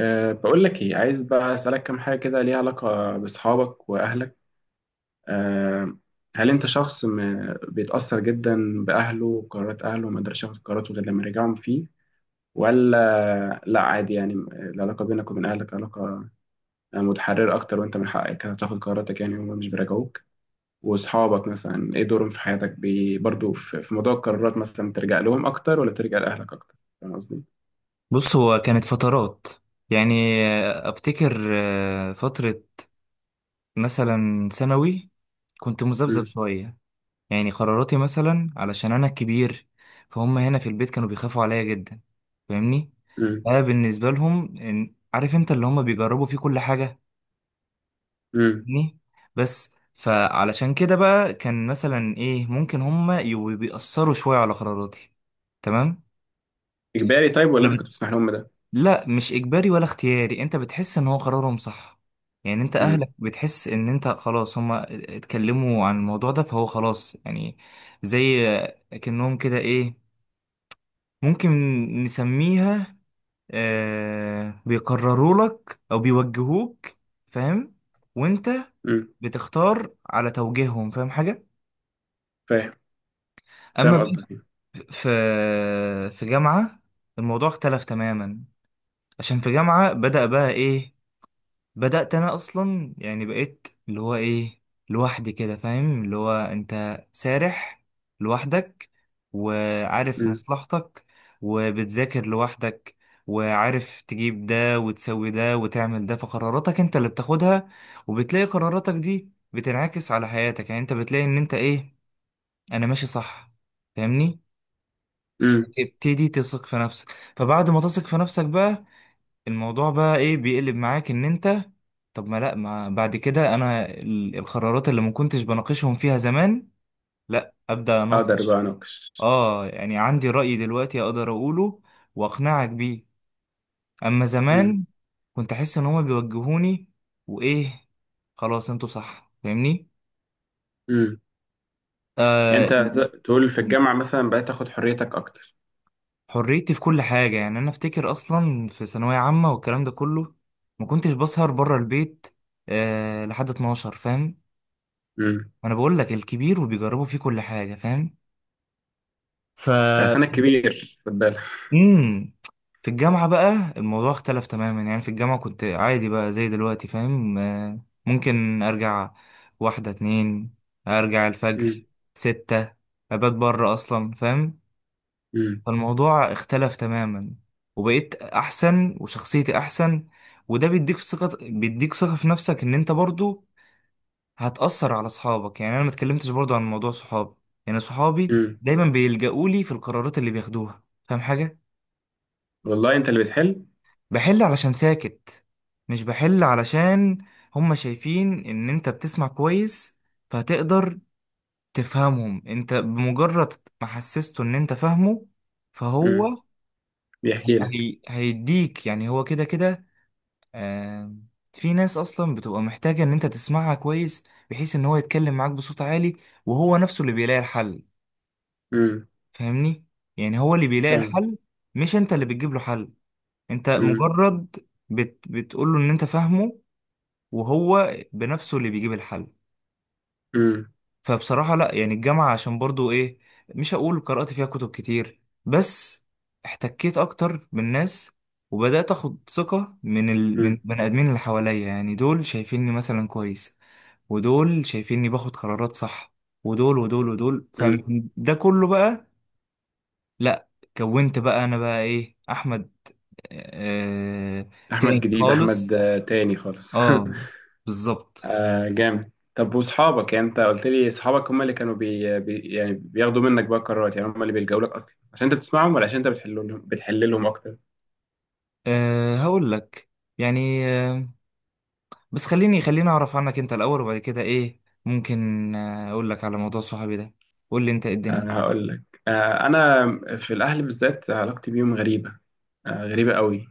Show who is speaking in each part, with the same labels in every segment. Speaker 1: أه، بقول لك ايه عايز بقى اسالك كام حاجه كده، ليها علاقه باصحابك واهلك. أه. هل انت شخص بيتاثر جدا باهله وقرارات اهله وما يقدرش ياخد قراراته غير لما يرجعهم فيه؟ ولا لا، عادي يعني، العلاقه بينك وبين اهلك علاقه متحرره اكتر وانت من حقك تاخد قراراتك يعني، وهم مش بيراجعوك؟ واصحابك مثلا ايه دورهم في حياتك؟ برضو في موضوع القرارات، مثلا ترجع لهم اكتر ولا ترجع لاهلك اكتر؟ فاهم قصدي؟
Speaker 2: بص، هو كانت فترات، يعني افتكر فترة مثلا ثانوي، كنت مذبذب
Speaker 1: امم.
Speaker 2: شوية. يعني قراراتي مثلا، علشان انا الكبير، فهم هنا في البيت كانوا بيخافوا عليا جدا. فاهمني؟
Speaker 1: امم.
Speaker 2: بقى بالنسبة لهم عارف انت اللي هم بيجربوا فيه كل حاجة.
Speaker 1: امم.
Speaker 2: فاهمني؟ بس فعلشان كده بقى، كان مثلا ايه، ممكن هم يبقوا بيأثروا شوية على قراراتي. تمام.
Speaker 1: اجباري طيب ولا انت كنت بتسمح لهم ده؟
Speaker 2: لا، مش اجباري ولا اختياري، انت بتحس ان هو قرارهم صح. يعني انت اهلك بتحس ان انت خلاص، هما اتكلموا عن الموضوع ده فهو خلاص يعني، زي كأنهم كده ايه، ممكن نسميها بيقرروا لك او بيوجهوك. فاهم؟ وانت
Speaker 1: امم.
Speaker 2: بتختار على توجيههم. فاهم حاجة؟
Speaker 1: فاهم. فاهم
Speaker 2: اما بقى
Speaker 1: قصدك.
Speaker 2: في في جامعة الموضوع اختلف تماما. عشان في جامعة بدأ بقى ايه، بدأت أنا أصلا يعني بقيت اللي هو إيه، لوحدي كده، فاهم؟ اللي هو أنت سارح لوحدك، وعارف
Speaker 1: امم.
Speaker 2: مصلحتك، وبتذاكر لوحدك، وعارف تجيب ده وتسوي ده وتعمل ده، فقراراتك أنت اللي بتاخدها. وبتلاقي قراراتك دي بتنعكس على حياتك، يعني أنت بتلاقي إن أنت إيه، أنا ماشي صح. فاهمني؟
Speaker 1: امم.
Speaker 2: تبتدي تثق في نفسك، فبعد ما تثق في نفسك بقى الموضوع بقى ايه، بيقلب معاك ان انت، طب ما لا، ما بعد كده انا القرارات اللي ما كنتش بناقشهم فيها زمان، لا ابدا
Speaker 1: اقدر
Speaker 2: اناقش.
Speaker 1: بقى اناقش.
Speaker 2: اه، يعني عندي رأي دلوقتي اقدر اقوله واقنعك بيه. اما
Speaker 1: امم.
Speaker 2: زمان كنت احس ان هما بيوجهوني وايه، خلاص انتوا صح. فاهمني؟
Speaker 1: امم. يعني
Speaker 2: آه.
Speaker 1: انت تقول في الجامعه مثلا بقيت تاخد حريتك اكتر؟
Speaker 2: حريتي في كل حاجة، يعني أنا أفتكر أصلا في ثانوية عامة والكلام ده كله، ما كنتش بسهر بره البيت لحد 12. فاهم؟
Speaker 1: امم.
Speaker 2: وانا بقول لك الكبير وبيجربوا فيه كل حاجه. فاهم؟ ف
Speaker 1: عشان انا كبير خد بالك.
Speaker 2: امم في الجامعة بقى الموضوع اختلف تماما، يعني في الجامعة كنت عادي بقى زي دلوقتي. فاهم؟ ممكن ارجع واحدة اتنين، ارجع
Speaker 1: امم.
Speaker 2: الفجر ستة، ابات بره اصلا. فاهم؟
Speaker 1: امم.
Speaker 2: فالموضوع اختلف تماما، وبقيت احسن وشخصيتي احسن، وده بيديك ثقة، بيديك ثقة في نفسك ان انت برضو هتأثر على صحابك. يعني انا ما اتكلمتش برضو عن موضوع صحابي. يعني صحابي
Speaker 1: امم.
Speaker 2: دايما بيلجأوا لي في القرارات اللي بياخدوها. فاهم حاجة؟
Speaker 1: والله انت اللي بتحل.
Speaker 2: بحل علشان ساكت، مش بحل علشان هما شايفين ان انت بتسمع كويس فهتقدر تفهمهم. انت بمجرد ما حسسته ان انت فاهمه
Speaker 1: امم.
Speaker 2: فهو هي
Speaker 1: بيحكي لك.
Speaker 2: هي هيديك، يعني هو كده كده. آه. في ناس اصلا بتبقى محتاجة ان انت تسمعها كويس، بحيث ان هو يتكلم معاك بصوت عالي وهو نفسه اللي بيلاقي الحل.
Speaker 1: امم.
Speaker 2: فاهمني؟ يعني هو اللي بيلاقي
Speaker 1: فاهم.
Speaker 2: الحل، مش انت اللي بتجيب له حل. انت
Speaker 1: امم.
Speaker 2: مجرد بتقول له ان انت فاهمه، وهو بنفسه اللي بيجيب الحل.
Speaker 1: امم.
Speaker 2: فبصراحة لا، يعني الجامعة عشان برضو ايه، مش هقول قرأت فيها كتب كتير، بس احتكيت اكتر بالناس، وبدأت اخد ثقة من من
Speaker 1: امم.
Speaker 2: بني ادمين اللي حواليا، يعني دول شايفيني مثلا كويس، ودول شايفيني باخد قرارات صح، ودول ودول ودول،
Speaker 1: امم.
Speaker 2: فده كله بقى، لا، كونت بقى انا بقى ايه، احمد. آه
Speaker 1: احمد
Speaker 2: تاني
Speaker 1: جديد،
Speaker 2: خالص.
Speaker 1: احمد تاني خالص.
Speaker 2: اه، بالظبط.
Speaker 1: آه، جامد. طب واصحابك، يعني انت قلت لي اصحابك هم اللي كانوا يعني بياخدوا منك بقى قرارات، يعني هم اللي بيلجأوا لك اصلا عشان انت بتسمعهم، ولا عشان انت بتحل لهم اكتر؟
Speaker 2: هقول لك، يعني بس خليني اعرف عنك انت الاول، وبعد كده ايه، ممكن اقول لك على موضوع صحابي ده. قول لي انت، إيه
Speaker 1: آه،
Speaker 2: الدنيا؟
Speaker 1: هقول لك. آه، انا في الاهل بالذات علاقتي بيهم غريبة. آه، غريبة قوي.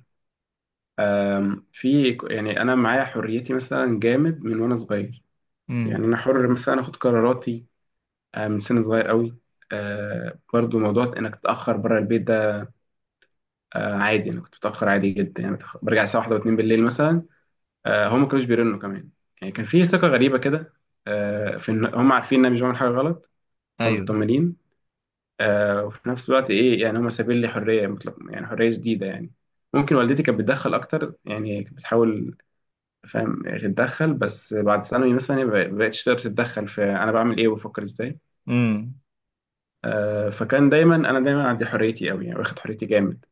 Speaker 1: آه، في يعني انا معايا حريتي مثلا جامد من وانا صغير.
Speaker 2: امم.
Speaker 1: يعني انا حر مثلا اخد قراراتي. آه، من سن صغير قوي. آه، برضو موضوع انك تتأخر بره البيت ده. آه، عادي انا كنت بتأخر عادي جدا، يعني برجع الساعة 1 و2 بالليل مثلا. آه، هم ما كانوش بيرنوا كمان. يعني كان في ثقة غريبة كده، آه، في إن هم عارفين إن أنا مش بعمل حاجة غلط،
Speaker 2: ايوه.
Speaker 1: فمطمنين. آه، وفي نفس الوقت إيه، يعني هم سايبين لي حرية مطلقة، يعني حرية شديدة يعني. ممكن والدتي كانت بتدخل أكتر، يعني كانت بتحاول، فاهم، تتدخل، بس بعد ثانوي مثلا ما بقتش تقدر تتدخل في أنا بعمل إيه وبفكر إزاي.
Speaker 2: امم.
Speaker 1: آه، فكان دايما أنا دايما عندي حريتي أوي، يعني واخد حريتي جامد.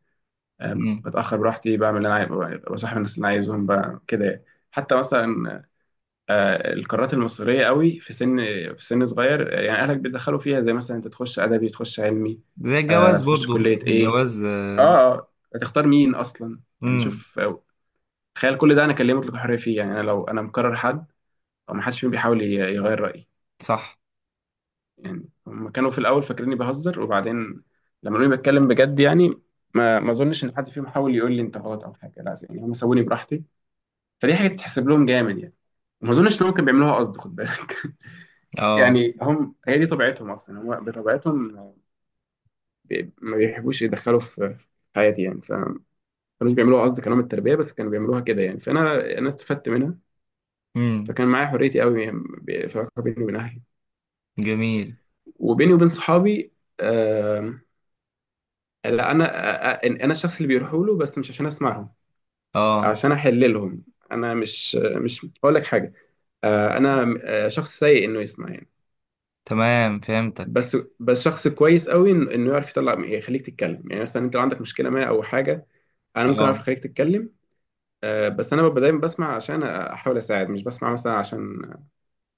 Speaker 1: آه.
Speaker 2: امم.
Speaker 1: بتأخر براحتي، بعمل اللي أنا عايز، بصاحب الناس اللي أنا عايزهم كده يعني. حتى مثلا آه، القارات المصرية قوي في سن صغير، آه، يعني أهلك بيدخلوا فيها، زي مثلا أنت تخش أدبي تخش علمي،
Speaker 2: زي
Speaker 1: آه،
Speaker 2: الجواز
Speaker 1: تخش
Speaker 2: برضو.
Speaker 1: كلية إيه،
Speaker 2: جواز.
Speaker 1: آه، آه، هتختار مين أصلا، يعني
Speaker 2: امم.
Speaker 1: شوف آه، تخيل كل ده أنا كان ليا مطلق الحرية فيه. يعني أنا لو أنا مكرر حد أو ما حدش فيهم بيحاول يغير رأيي.
Speaker 2: صح.
Speaker 1: يعني هم كانوا في الأول فاكريني بهزر، وبعدين لما لقوني بتكلم بجد، يعني ما أظنش إن حد فيهم حاول يقول لي أنت غلط أو حاجة، لا، يعني هم سووني براحتي. فدي حاجة تتحسب لهم جامد يعني. وما أظنش إن هم كانوا بيعملوها قصد، خد بالك،
Speaker 2: اه.
Speaker 1: يعني هم هي دي طبيعتهم اصلا، هم بطبيعتهم ما بيحبوش يدخلوا في حياتي، يعني فما كانوش بيعملوها قصد كلام التربيه، بس كانوا بيعملوها كده يعني، فانا استفدت منها.
Speaker 2: امم.
Speaker 1: فكان معايا حريتي قوي يعني، في العلاقه بيني وبين اهلي،
Speaker 2: جميل.
Speaker 1: وبيني وبين صحابي. آم، لا، انا الشخص اللي بيروحوا له، بس مش عشان اسمعهم،
Speaker 2: اه.
Speaker 1: عشان احل لهم. انا مش هقول لك حاجه. آه، انا شخص سيء انه يسمع يعني،
Speaker 2: تمام، فهمتك.
Speaker 1: بس شخص كويس قوي انه يعرف يطلع، يعني يخليك تتكلم. يعني مثلا انت لو عندك مشكله ما او حاجه، انا ممكن اعرف
Speaker 2: اه.
Speaker 1: اخليك تتكلم. آه، بس انا ببقى دايما بسمع عشان احاول اساعد، مش بسمع مثلا عشان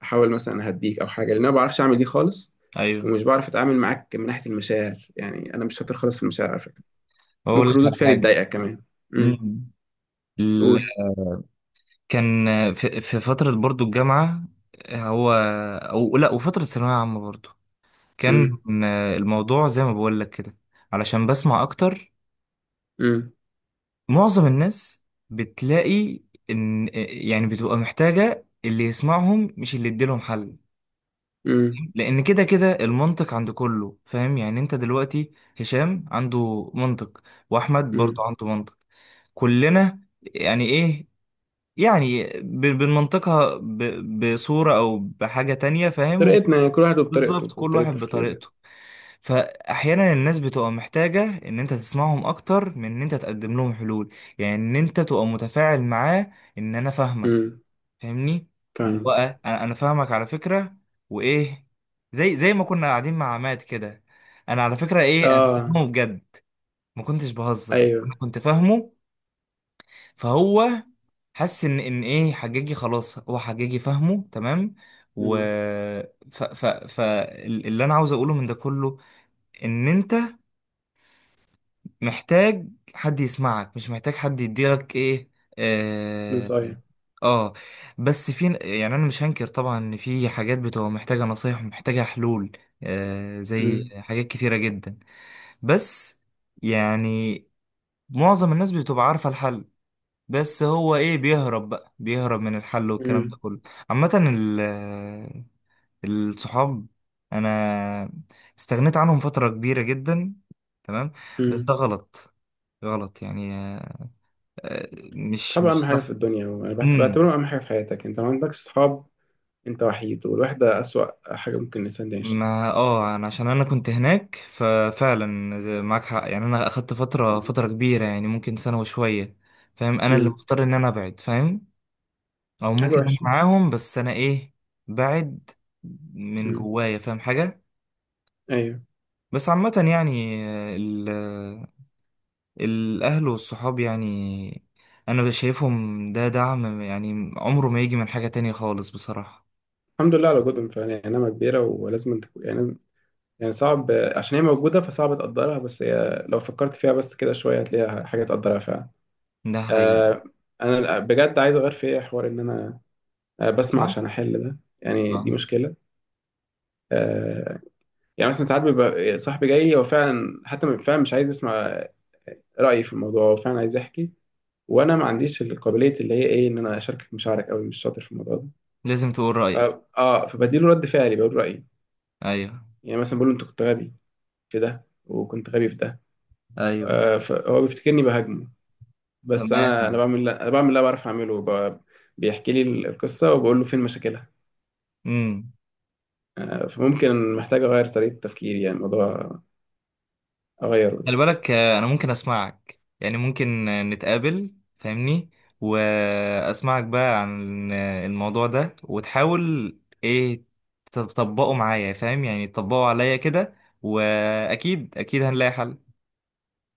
Speaker 1: احاول مثلا اهديك او حاجه، لان انا ما بعرفش اعمل دي خالص.
Speaker 2: ايوه.
Speaker 1: ومش بعرف اتعامل معاك من ناحيه المشاعر، يعني انا مش شاطر خالص في المشاعر على فكره.
Speaker 2: اقول
Speaker 1: ممكن
Speaker 2: لك
Speaker 1: ردود
Speaker 2: على
Speaker 1: فعلي
Speaker 2: حاجه.
Speaker 1: تضايقك كمان. امم.
Speaker 2: امم.
Speaker 1: قول.
Speaker 2: كان في فترة برضو الجامعة، هو أو لأ، وفترة ثانوية عامة برضو، كان
Speaker 1: امم.
Speaker 2: الموضوع زي ما بقول لك كده، علشان بسمع أكتر
Speaker 1: امم.
Speaker 2: معظم الناس، بتلاقي إن يعني بتبقى محتاجة اللي يسمعهم مش اللي يديلهم حل.
Speaker 1: امم.
Speaker 2: لأن كده كده المنطق عند كله. فاهم يعني؟ أنت دلوقتي هشام عنده منطق، وأحمد برضو
Speaker 1: امم.
Speaker 2: عنده منطق، كلنا يعني إيه، يعني بنمنطقها بصورة أو بحاجة تانية. فاهم؟
Speaker 1: طريقتنا، يعني كل واحد وبطريقته
Speaker 2: بالظبط، كل
Speaker 1: وبطريقه
Speaker 2: واحد
Speaker 1: تفكيره.
Speaker 2: بطريقته. فأحيانا الناس بتبقى محتاجة إن أنت تسمعهم أكتر من إن أنت تقدم لهم حلول، يعني إن أنت تبقى متفاعل معاه، إن أنا فاهمك.
Speaker 1: امم.
Speaker 2: فاهمني؟ اللي هو
Speaker 1: فاهمك.
Speaker 2: أنا فاهمك على فكرة. وإيه، زي ما كنا قاعدين مع عماد كده، أنا على فكرة إيه، أنا كنت
Speaker 1: اه.
Speaker 2: فاهمه بجد. ما كنتش بهزر، يعني أنا
Speaker 1: ايوه.
Speaker 2: كنت فاهمه. فهو حس ان ايه، حجاجي خلاص، هو حجاجي فاهمه تمام. و
Speaker 1: امم.
Speaker 2: ف ف ف ال- اللي انا عاوز اقوله من ده كله، ان انت محتاج حد يسمعك، مش محتاج حد يديلك ايه. اه.
Speaker 1: نصايح.
Speaker 2: آه. بس في، يعني انا مش هنكر طبعا ان في حاجات بتبقى محتاجة نصايح ومحتاجة حلول، زي
Speaker 1: امم.
Speaker 2: حاجات كتيرة جدا. بس يعني معظم الناس بتبقى عارفة الحل، بس هو ايه، بيهرب بقى، بيهرب من الحل والكلام ده
Speaker 1: امم.
Speaker 2: كله. عامة الصحاب، انا استغنيت عنهم فترة كبيرة جدا. تمام. بس ده
Speaker 1: امم.
Speaker 2: غلط، غلط يعني. مش
Speaker 1: الصحاب
Speaker 2: مش
Speaker 1: اهم حاجه في
Speaker 2: صح.
Speaker 1: الدنيا، وانا
Speaker 2: امم.
Speaker 1: بعتبرهم اهم حاجه في حياتك. انت ما عندكش صحاب، انت وحيد، والوحدة أسوأ حاجة ممكن الإنسان يعيشها.
Speaker 2: ما انا عشان انا كنت هناك، ففعلا معاك حق، يعني انا اخدت فترة
Speaker 1: مم.
Speaker 2: فترة كبيرة، يعني ممكن سنة وشوية. فاهم؟ انا اللي
Speaker 1: مم.
Speaker 2: مختار ان انا ابعد. فاهم؟ او
Speaker 1: حاجة
Speaker 2: ممكن انا
Speaker 1: وحشة.
Speaker 2: معاهم بس انا ايه، بعد من
Speaker 1: مم.
Speaker 2: جوايا. فاهم حاجه؟
Speaker 1: أيوه.
Speaker 2: بس عامه يعني، الاهل والصحاب، يعني انا شايفهم ده دعم، يعني عمره ما يجي من حاجه تانية خالص بصراحه.
Speaker 1: الحمد لله على وجودهم فعلا، يعني نعمة كبيرة، ولازم انت يعني، يعني صعب، عشان هي موجودة فصعب تقدرها، بس هي لو فكرت فيها بس كده شوية هتلاقيها حاجة تقدرها فعلا.
Speaker 2: ده هي.
Speaker 1: آه. أنا بجد عايز أغير في إيه حوار إن أنا آه، بسمع
Speaker 2: اسمع.
Speaker 1: عشان أحل ده. يعني دي
Speaker 2: اه.
Speaker 1: مشكلة. آه. يعني مثلا ساعات بيبقى صاحبي جاي، هو فعلا، حتى فعلا مش عايز يسمع رأيي في الموضوع، هو فعلا عايز يحكي، وانا ما عنديش القابليه اللي هي ايه، ان انا اشاركك مشاعرك، قوي مش شاطر في الموضوع ده.
Speaker 2: لازم تقول
Speaker 1: ف
Speaker 2: رايك.
Speaker 1: اه، فبديله رد فعلي بقول رايي،
Speaker 2: ايوه.
Speaker 1: يعني مثلا بقول له انت كنت غبي في ده وكنت غبي في ده.
Speaker 2: ايوه.
Speaker 1: آه، فهو بيفتكرني بهاجمه، بس
Speaker 2: تمام.
Speaker 1: انا بعمل اللي أنا بعرف اعمله بيحكي لي القصه وبقول له فين مشاكلها.
Speaker 2: امم.
Speaker 1: آه، فممكن محتاج اغير طريقه تفكيري، يعني الموضوع اغيره.
Speaker 2: خلي بالك، انا ممكن اسمعك، يعني ممكن نتقابل فاهمني، واسمعك بقى عن الموضوع ده، وتحاول ايه تطبقه معايا، فاهم يعني، تطبقه عليا كده، واكيد اكيد هنلاقي حل.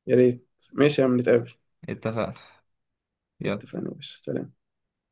Speaker 1: يا ريت، ماشي يا عم، نتقابل.
Speaker 2: اتفقنا. يلا.
Speaker 1: اتفقنا يا باشا، سلام.